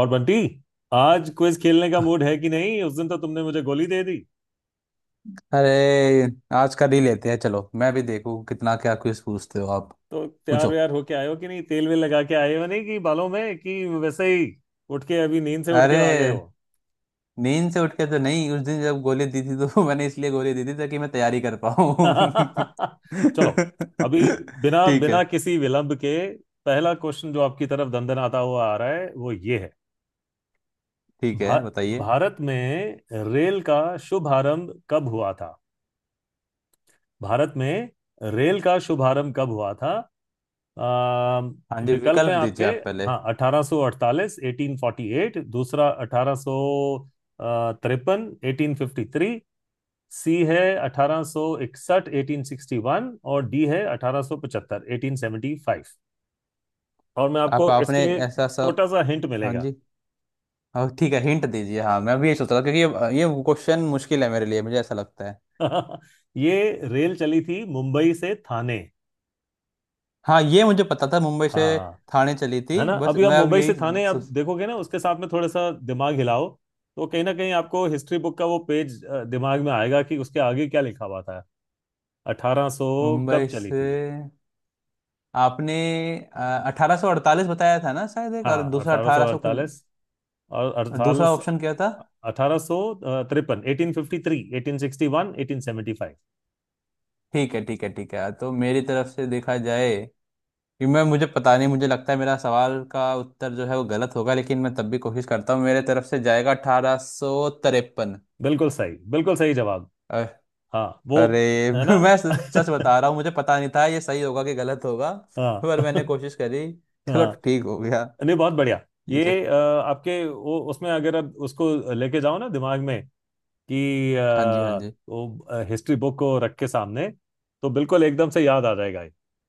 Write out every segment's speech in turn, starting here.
और बंटी आज क्विज खेलने का मूड है कि नहीं। उस दिन तो तुमने मुझे गोली दे दी। अरे, आज का नहीं लेते हैं। चलो, मैं भी देखूं कितना, क्या क्विज पूछते हो आप। तो तैयार पूछो। व्यार होके आए हो कि नहीं, तेल वेल लगा के आए हो नहीं कि बालों में कि वैसे ही उठ के अभी नींद से उठ के अरे, आ गए हो। नींद से उठ के तो नहीं। उस दिन जब गोली दी थी तो मैंने इसलिए गोली दी थी ताकि मैं तैयारी कर पाऊँ। चलो, अभी बिना ठीक है, बिना किसी विलंब के पहला क्वेश्चन जो आपकी तरफ दंदनाता हुआ आ रहा है वो ये है। ठीक भा, है, बताइए। भारत में रेल का शुभारंभ कब हुआ था। भारत में रेल का शुभारंभ कब हुआ था। आ, हाँ जी, विकल्प हैं विकल्प आपके। दीजिए आप पहले। हाँ, 1848 1848, दूसरा 1853 1853, सी है 1861 1861, और डी है 1875 1875। और मैं आप आपको इसके आपने लिए ऐसा सब। छोटा सा हिंट हाँ मिलेगा। जी। हाँ, ठीक है, हिंट दीजिए। हाँ, मैं भी ये सोच रहा था, क्योंकि ये क्वेश्चन मुश्किल है मेरे लिए, मुझे ऐसा लगता है। ये रेल चली थी मुंबई से थाने। हाँ, ये मुझे पता था, मुंबई से हाँ, थाने चली थी। है ना। बस, अभी आप मैं अब मुंबई यही से थाने आप सो- देखोगे ना, उसके साथ में थोड़ा सा दिमाग हिलाओ तो कहीं ना कहीं आपको हिस्ट्री बुक का वो पेज दिमाग में आएगा कि उसके आगे क्या लिखा हुआ था। अठारह सौ कब मुंबई चली से। थी। आपने 1848 बताया था ना शायद, एक। हाँ, और दूसरा अठारह सौ अठारह सौ कुछ। अड़तालीस और और दूसरा अड़तालीस, ऑप्शन क्या था? 1853, 1853, 1861, 1875। ठीक है, ठीक है, ठीक है, तो मेरी तरफ से देखा जाए कि मैं मुझे पता नहीं, मुझे लगता है मेरा सवाल का उत्तर जो है वो गलत होगा, लेकिन मैं तब भी कोशिश करता हूँ। मेरे तरफ से जाएगा 1853। बिल्कुल सही, बिल्कुल सही जवाब। हाँ, वो अरे, है ना। मैं सच सच बता रहा हूँ, मुझे पता नहीं था ये सही होगा कि गलत होगा। हाँ। पर मैंने कोशिश करी, चलो, हाँ, ठीक हो गया। नहीं बहुत बढ़िया। ये चल। ये आपके वो उसमें अगर आप उसको लेके जाओ ना दिमाग में कि हाँ जी, हाँ जी। वो हिस्ट्री बुक को रख के सामने, तो बिल्कुल एकदम से याद आ जाएगा ये।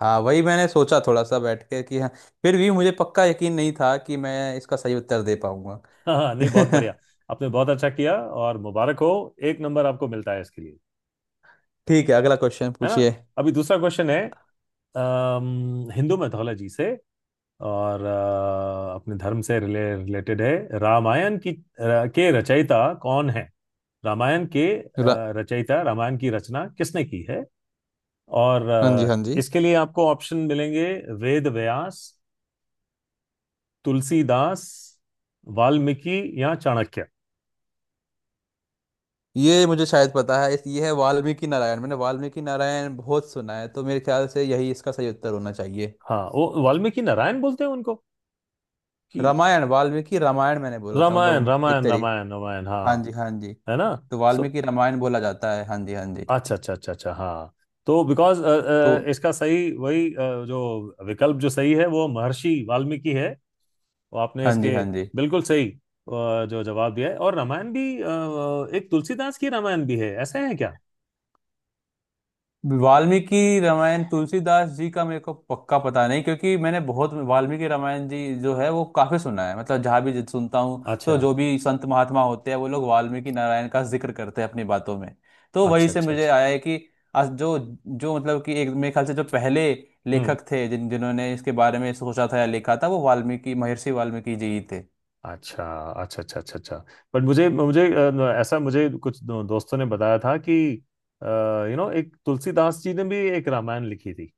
हाँ, वही मैंने सोचा, थोड़ा सा बैठ के कि हाँ। फिर भी मुझे पक्का यकीन नहीं था कि मैं इसका सही उत्तर दे पाऊंगा। हाँ, हाँ, नहीं बहुत बढ़िया, आपने बहुत अच्छा किया और मुबारक हो। एक नंबर आपको मिलता है इसके लिए। ठीक है, अगला क्वेश्चन है ना। पूछिए। अभी दूसरा क्वेश्चन है। हिंदू मैथोलॉजी से और अपने धर्म से रिलेटेड है। रामायण की के रचयिता कौन है। रामायण के रा- रचयिता, रामायण की रचना किसने की है। और हाँ जी, हाँ जी। इसके लिए आपको ऑप्शन मिलेंगे। वेद व्यास, तुलसीदास, वाल्मीकि या चाणक्य। ये मुझे शायद पता है। इस ये है वाल्मीकि नारायण। मैंने वाल्मीकि नारायण बहुत सुना है, तो मेरे ख्याल से यही इसका सही उत्तर होना चाहिए। हाँ, वो वाल्मीकि नारायण बोलते हैं उनको कि रामायण, वाल्मीकि रामायण मैंने बोला था, रामायण मतलब एक रामायण तरीके। रामायण रामायण। हाँ हाँ, जी, हाँ जी। है ना। तो सो वाल्मीकि रामायण बोला जाता है। हाँ जी, हाँ जी। अच्छा अच्छा अच्छा अच्छा, हाँ। तो बिकॉज तो इसका सही वही जो विकल्प जो सही है वो महर्षि वाल्मीकि है। वो आपने हाँ जी, इसके हाँ जी। बिल्कुल सही जो जवाब दिया है। और रामायण भी एक तुलसीदास की रामायण भी है ऐसा है क्या। वाल्मीकि रामायण तुलसीदास जी का मेरे को पक्का पता नहीं, क्योंकि मैंने बहुत वाल्मीकि रामायण जी जो है वो काफी सुना है। मतलब जहाँ भी सुनता हूँ तो अच्छा जो भी संत महात्मा होते हैं, वो लोग वाल्मीकि नारायण का जिक्र करते हैं अपनी बातों में। तो वहीं अच्छा से अच्छा मुझे अच्छा। आया है कि आज जो जो मतलब कि एक, मेरे ख्याल से जो पहले हम्म, लेखक थे, जिन्होंने इसके बारे में सोचा था या लिखा था, वो वाल्मीकि, महर्षि वाल्मीकि जी ही थे। अच्छा अच्छा अच्छा अच्छा अच्छा। बट मुझे मुझे ऐसा मुझे कुछ दोस्तों ने बताया था कि यू नो एक तुलसीदास जी ने भी एक रामायण लिखी थी।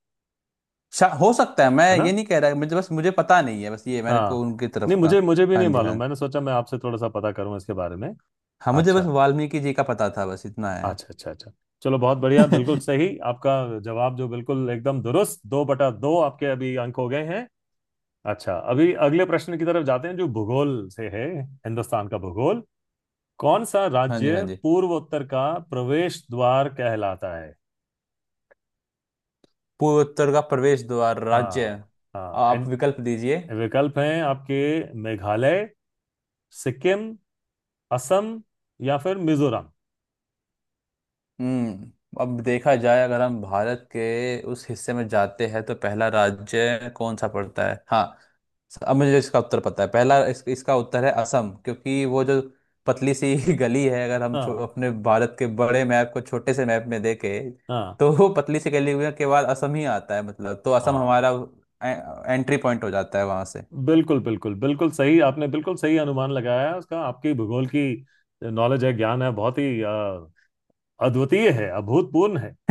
हो सकता है, मैं है ना। ये नहीं कह रहा, मुझे बस मुझे पता नहीं है, बस ये मेरे को हाँ, उनकी नहीं तरफ का। मुझे मुझे भी हाँ नहीं जी, मालूम, हाँ। मैंने सोचा मैं आपसे थोड़ा सा पता करूं इसके बारे में। हाँ, मुझे बस अच्छा वाल्मीकि जी का पता था, बस इतना है। अच्छा अच्छा अच्छा। चलो, बहुत बढ़िया, बिल्कुल सही आपका जवाब जो बिल्कुल एकदम दुरुस्त। 2/2 आपके अभी अंक हो गए हैं। अच्छा, अभी अगले प्रश्न की तरफ जाते हैं जो भूगोल से है। हिंदुस्तान का भूगोल। कौन सा हाँ जी, हाँ राज्य जी। पूर्वोत्तर का प्रवेश द्वार कहलाता है। पूर्वोत्तर का प्रवेश द्वार राज्य? हाँ, हाँ, आप एंड विकल्प दीजिए। विकल्प हैं आपके। मेघालय, सिक्किम, असम या फिर मिजोरम। हम्म। अब देखा जाए, अगर हम भारत के उस हिस्से में जाते हैं तो पहला राज्य कौन सा पड़ता है? हाँ, अब मुझे इसका उत्तर पता है। पहला इसका उत्तर है असम, क्योंकि वो जो पतली सी गली है, अगर हम हाँ, अपने भारत के बड़े मैप को छोटे से मैप में देखे, हाँ, तो वो पतली सी गली के बाद असम ही आता है, मतलब तो असम हाँ, हमारा एंट्री पॉइंट हो जाता है वहां से। बिल्कुल बिल्कुल बिल्कुल सही, आपने बिल्कुल सही अनुमान लगाया है उसका। आपकी भूगोल की नॉलेज है, ज्ञान है, बहुत ही अद्वितीय है, अभूतपूर्ण है।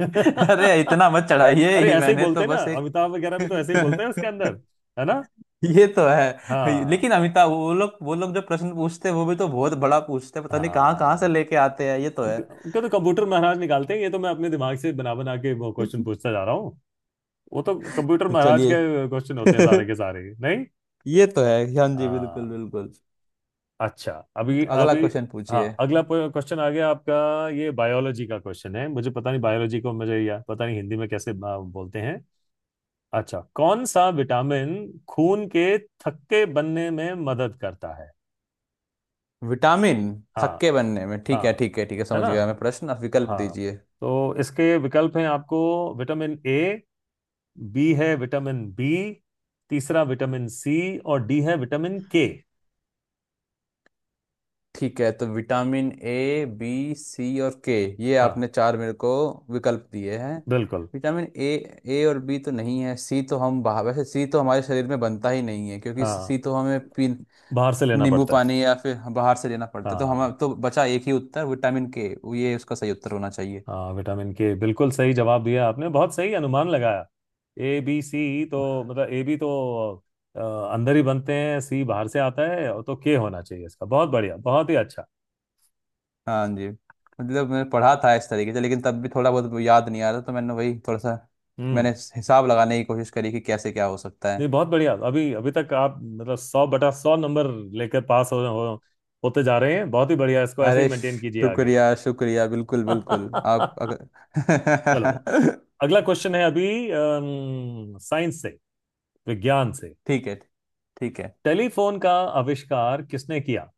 इतना मत चढ़ाइए, अरे ये ऐसे ही मैंने बोलते तो हैं ना, बस एक। अमिताभ वगैरह भी तो ऐसे ही बोलते हैं उसके अंदर। है ना। ये तो है, हाँ, लेकिन अमिताभ, वो लोग, वो लोग जो प्रश्न पूछते हैं, वो भी तो बहुत बड़ा पूछते हैं। पता नहीं कहाँ कहाँ से हाँ। लेके आते हैं, ये तो है। उनका उनका तो कंप्यूटर महाराज निकालते हैं, ये तो मैं अपने दिमाग से बना बना के वो क्वेश्चन पूछता जा रहा हूँ। वो तो कंप्यूटर तो महाराज चलिए। के क्वेश्चन होते हैं सारे के सारे। नहीं। ये तो है। हाँ जी, बिल्कुल हाँ। बिल्कुल। अच्छा, अभी तो अगला अभी। क्वेश्चन हाँ, पूछिए। अगला क्वेश्चन आ गया आपका। ये बायोलॉजी का क्वेश्चन है। मुझे पता नहीं बायोलॉजी को मुझे या पता नहीं हिंदी में कैसे बोलते हैं। अच्छा, कौन सा विटामिन खून के थक्के बनने में मदद करता है। विटामिन? हाँ। थक्के बनने में, ठीक है, हाँ, ठीक है, ठीक है, है समझ ना। गया मैं प्रश्न। आप विकल्प हाँ, दीजिए। तो इसके विकल्प हैं आपको। विटामिन ए, बी है विटामिन बी, तीसरा विटामिन सी, और डी है विटामिन के। ठीक है, तो विटामिन ए, बी, सी और के। ये हाँ, आपने चार मेरे को विकल्प दिए हैं। बिल्कुल। Vitamin A. ए और बी तो नहीं है। सी तो हम बाहर, वैसे सी तो हमारे शरीर में बनता ही नहीं है, क्योंकि हाँ, सी तो हमें पी बाहर से लेना नींबू पड़ता है। पानी या फिर बाहर से लेना पड़ता है। तो हम, हाँ, तो बचा एक ही उत्तर, विटामिन के। ये उसका सही उत्तर होना चाहिए। हाँ, विटामिन के, बिल्कुल सही जवाब दिया आपने, बहुत सही अनुमान लगाया। ए बी सी तो, मतलब ए बी तो अ, अंदर ही बनते हैं, सी बाहर से आता है, और तो के होना चाहिए इसका। बहुत बढ़िया, बहुत ही अच्छा। हाँ जी। मतलब मैंने पढ़ा था इस तरीके से, लेकिन तब भी थोड़ा बहुत याद नहीं आ रहा, तो मैंने वही थोड़ा सा हम्म, मैंने हिसाब लगाने की कोशिश करी कि कैसे क्या हो सकता नहीं है। बहुत बढ़िया। अभी अभी तक आप मतलब 100/100 नंबर लेकर पास हो होते जा रहे हैं, बहुत ही बढ़िया, इसको ऐसे ही अरे, मेंटेन कीजिए। शुक्रिया, शुक्रिया, बिल्कुल बिल्कुल, आप आगे। चलो, अगर। अगला क्वेश्चन है अभी, साइंस से, विज्ञान से। ठीक है, ठीक है। टेलीफोन का आविष्कार किसने किया।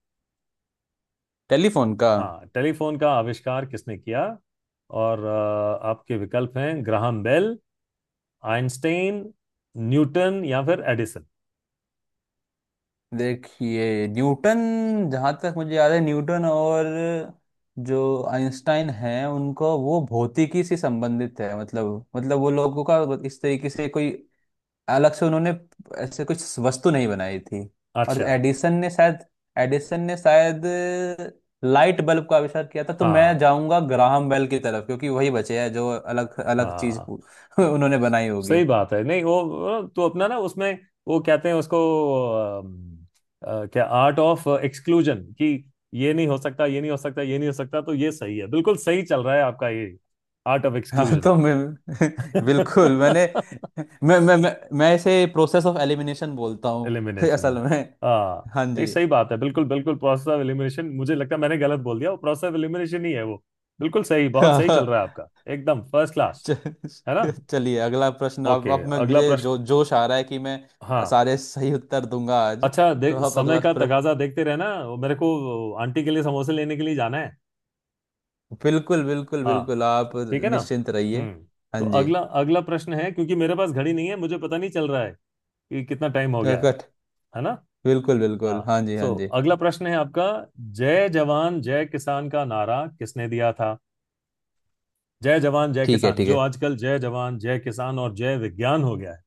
टेलीफोन का? हाँ, टेलीफोन का आविष्कार किसने किया। और आपके विकल्प हैं ग्राहम बेल, आइंस्टाइन, न्यूटन या फिर एडिसन। देखिए, न्यूटन, जहाँ तक मुझे याद है, न्यूटन और जो आइंस्टाइन हैं उनको, वो भौतिकी से संबंधित है। मतलब वो लोगों का इस तरीके से कोई अलग से उन्होंने ऐसे कुछ वस्तु नहीं बनाई थी। और अच्छा। एडिसन ने शायद लाइट बल्ब का आविष्कार किया था। तो मैं हाँ, जाऊंगा ग्राहम बेल की तरफ, क्योंकि वही बचे हैं जो अलग अलग चीज हाँ, उन्होंने बनाई होगी। सही बात है। नहीं, वो तो अपना ना, उसमें वो कहते हैं उसको अम, क्या, आर्ट ऑफ एक्सक्लूजन, कि ये नहीं हो सकता, ये नहीं हो सकता, ये नहीं हो सकता, तो ये सही है। बिल्कुल सही चल रहा है आपका। ये आर्ट ऑफ हाँ, एक्सक्लूजन, तो मैं बिल्कुल। मैंने मैं इसे प्रोसेस ऑफ एलिमिनेशन बोलता हूँ एलिमिनेशन। असल में। हाँ। हाँ नहीं, जी। सही बात है, बिल्कुल बिल्कुल प्रोसेस ऑफ एलिमिनेशन। मुझे लगता है मैंने गलत बोल दिया, वो प्रोसेस ऑफ एलिमिनेशन ही है वो। बिल्कुल सही, बहुत सही चल रहा है आपका, एकदम फर्स्ट क्लास। च- है ना। चलिए अगला प्रश्न अब ओके, अब मैं अगला मुझे प्रश्न। जो जोश आ रहा है कि मैं हाँ, सारे सही उत्तर दूंगा आज। अच्छा, तो देख आप समय अगला का प्रश्न। तकाजा देखते रहना, वो मेरे को आंटी के लिए समोसे लेने के लिए जाना है। बिल्कुल बिल्कुल हाँ। बिल्कुल, आप ठीक है ना। निश्चिंत रहिए। हम्म, हाँ तो जी। अगला अगला प्रश्न है, क्योंकि मेरे पास घड़ी नहीं है, मुझे पता नहीं चल रहा है कि कितना टाइम हो तो गया है। कट। है ना। बिल्कुल बिल्कुल, हाँ, हाँ जी, हाँ सो जी। अगला प्रश्न है आपका। जय जवान जय किसान का नारा किसने दिया था। जय जवान जय ठीक है, किसान, ठीक जो है, आजकल जय जवान जय किसान और जय विज्ञान हो गया है।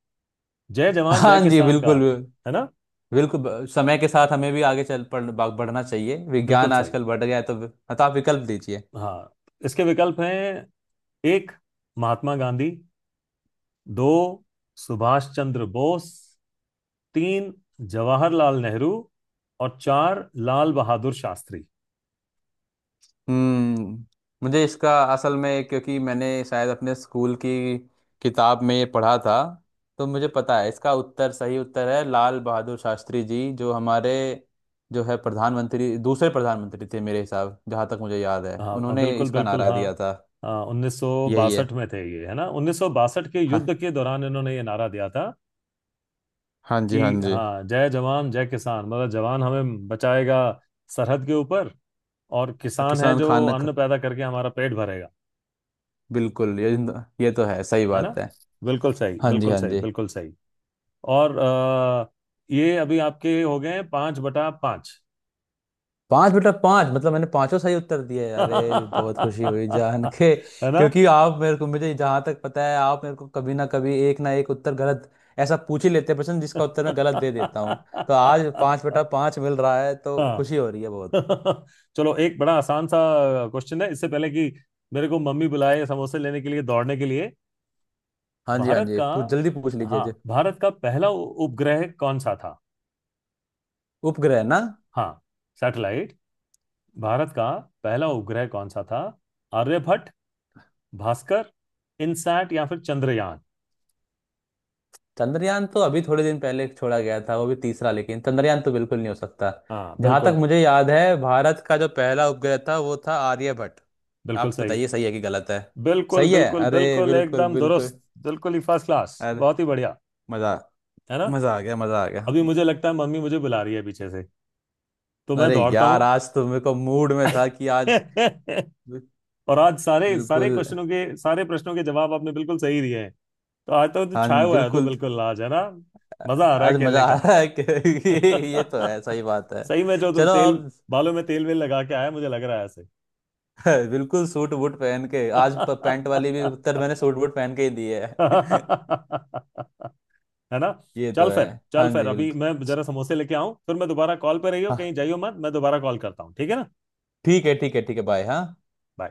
जय जवान जय हाँ जी, किसान का। बिल्कुल है ना। बिल्कुल। समय के साथ हमें भी आगे बढ़ना चाहिए, बिल्कुल विज्ञान सही। आजकल बढ़ गया है, तो, आप विकल्प दीजिए। हाँ, इसके विकल्प हैं, एक, महात्मा गांधी, दो, सुभाष चंद्र बोस, तीन, जवाहरलाल नेहरू, और चार, लाल बहादुर शास्त्री। हम्म। मुझे इसका, असल में क्योंकि मैंने शायद अपने स्कूल की किताब में ये पढ़ा था, तो मुझे पता है इसका उत्तर, सही उत्तर है लाल बहादुर शास्त्री जी, जो हमारे, जो है, प्रधानमंत्री, दूसरे प्रधानमंत्री थे मेरे हिसाब, जहाँ तक मुझे याद है हाँ, हाँ, उन्होंने बिल्कुल इसका बिल्कुल, नारा दिया था। हाँ, उन्नीस सौ यही है। बासठ में थे ये, है ना, 1962 के युद्ध हाँ, के दौरान इन्होंने ये नारा दिया था हाँ कि जी, हाँ जी। हाँ, जय जवान जय किसान, मतलब जवान हमें बचाएगा सरहद के ऊपर, और किसान है किसान जो अन्न पैदा करके हमारा पेट भरेगा। बिल्कुल ये तो है, सही है ना। बात है। बिल्कुल सही, हाँ जी, बिल्कुल हाँ सही, जी। बिल्कुल सही। और ये अभी आपके हो गए हैं 5/5। पांच बेटा पांच, मतलब मैंने पांचों सही उत्तर दिए, अरे है बहुत खुशी हुई जान के, ना। क्योंकि आप मेरे को, मुझे जहां तक पता है, आप मेरे को कभी ना कभी एक ना एक उत्तर गलत, ऐसा पूछ ही लेते हैं प्रश्न जिसका उत्तर मैं गलत दे देता हूँ। तो आज पांच बेटा पांच मिल रहा है, तो हाँ। खुशी हो रही है बहुत। चलो, एक बड़ा आसान सा क्वेश्चन है, इससे पहले कि मेरे को मम्मी बुलाए समोसे लेने के लिए दौड़ने के लिए। हाँ जी, हाँ भारत जी। का, पूछ जल्दी पूछ लीजिए हाँ जी। भारत का पहला उपग्रह कौन सा था। उपग्रह ना। हाँ, सैटेलाइट, भारत का पहला उपग्रह कौन सा था। आर्यभट्ट, भास्कर, इनसैट या फिर चंद्रयान। चंद्रयान तो अभी थोड़े दिन पहले छोड़ा गया था, वो भी तीसरा, लेकिन चंद्रयान तो बिल्कुल नहीं हो सकता। हाँ, जहां तक बिल्कुल, मुझे याद है, भारत का जो पहला उपग्रह था वो था आर्यभट्ट। बिल्कुल आप सही। बताइए सही है कि गलत है। बिल्कुल सही है? बिल्कुल अरे बिल्कुल बिल्कुल एकदम दुरुस्त। बिल्कुल। बिल्कुल ही फर्स्ट क्लास, अरे बहुत ही बढ़िया। मजा है ना, मजा आ गया, मजा आ गया। अभी मुझे लगता है मम्मी मुझे बुला रही है पीछे से, तो मैं अरे दौड़ता यार, हूँ। आज तो मेरे को मूड में था कि आज बि- और आज सारे सारे बिल्कुल। क्वेश्चनों के, सारे प्रश्नों के जवाब आपने बिल्कुल सही दिए हैं। तो आज तो तू छाया हाँ, हुआ है, तो बिल्कुल, बिल्कुल आज, है ना, मजा आ रहा है आज मजा खेलने आ का। रहा है कि। ये तो है, सही बात है, सही में जो तू चलो तेल अब। बालों में तेल वेल लगा के आया मुझे लग रहा है ऐसे। है, बिल्कुल सूट बूट पहन के आज पैंट वाली भी उत्तर मैंने सूट बूट पहन के ही दी है। है ना। ये तो चल है। फिर, चल हाँ फिर, जी, अभी बिल्कुल। मैं जरा समोसे लेके आऊं, फिर मैं दोबारा कॉल पे, रहियो कहीं हाँ, जाइयो मत, मैं दोबारा कॉल करता हूँ, ठीक है ना। ठीक है, ठीक है, ठीक है, बाय। हाँ। Bye.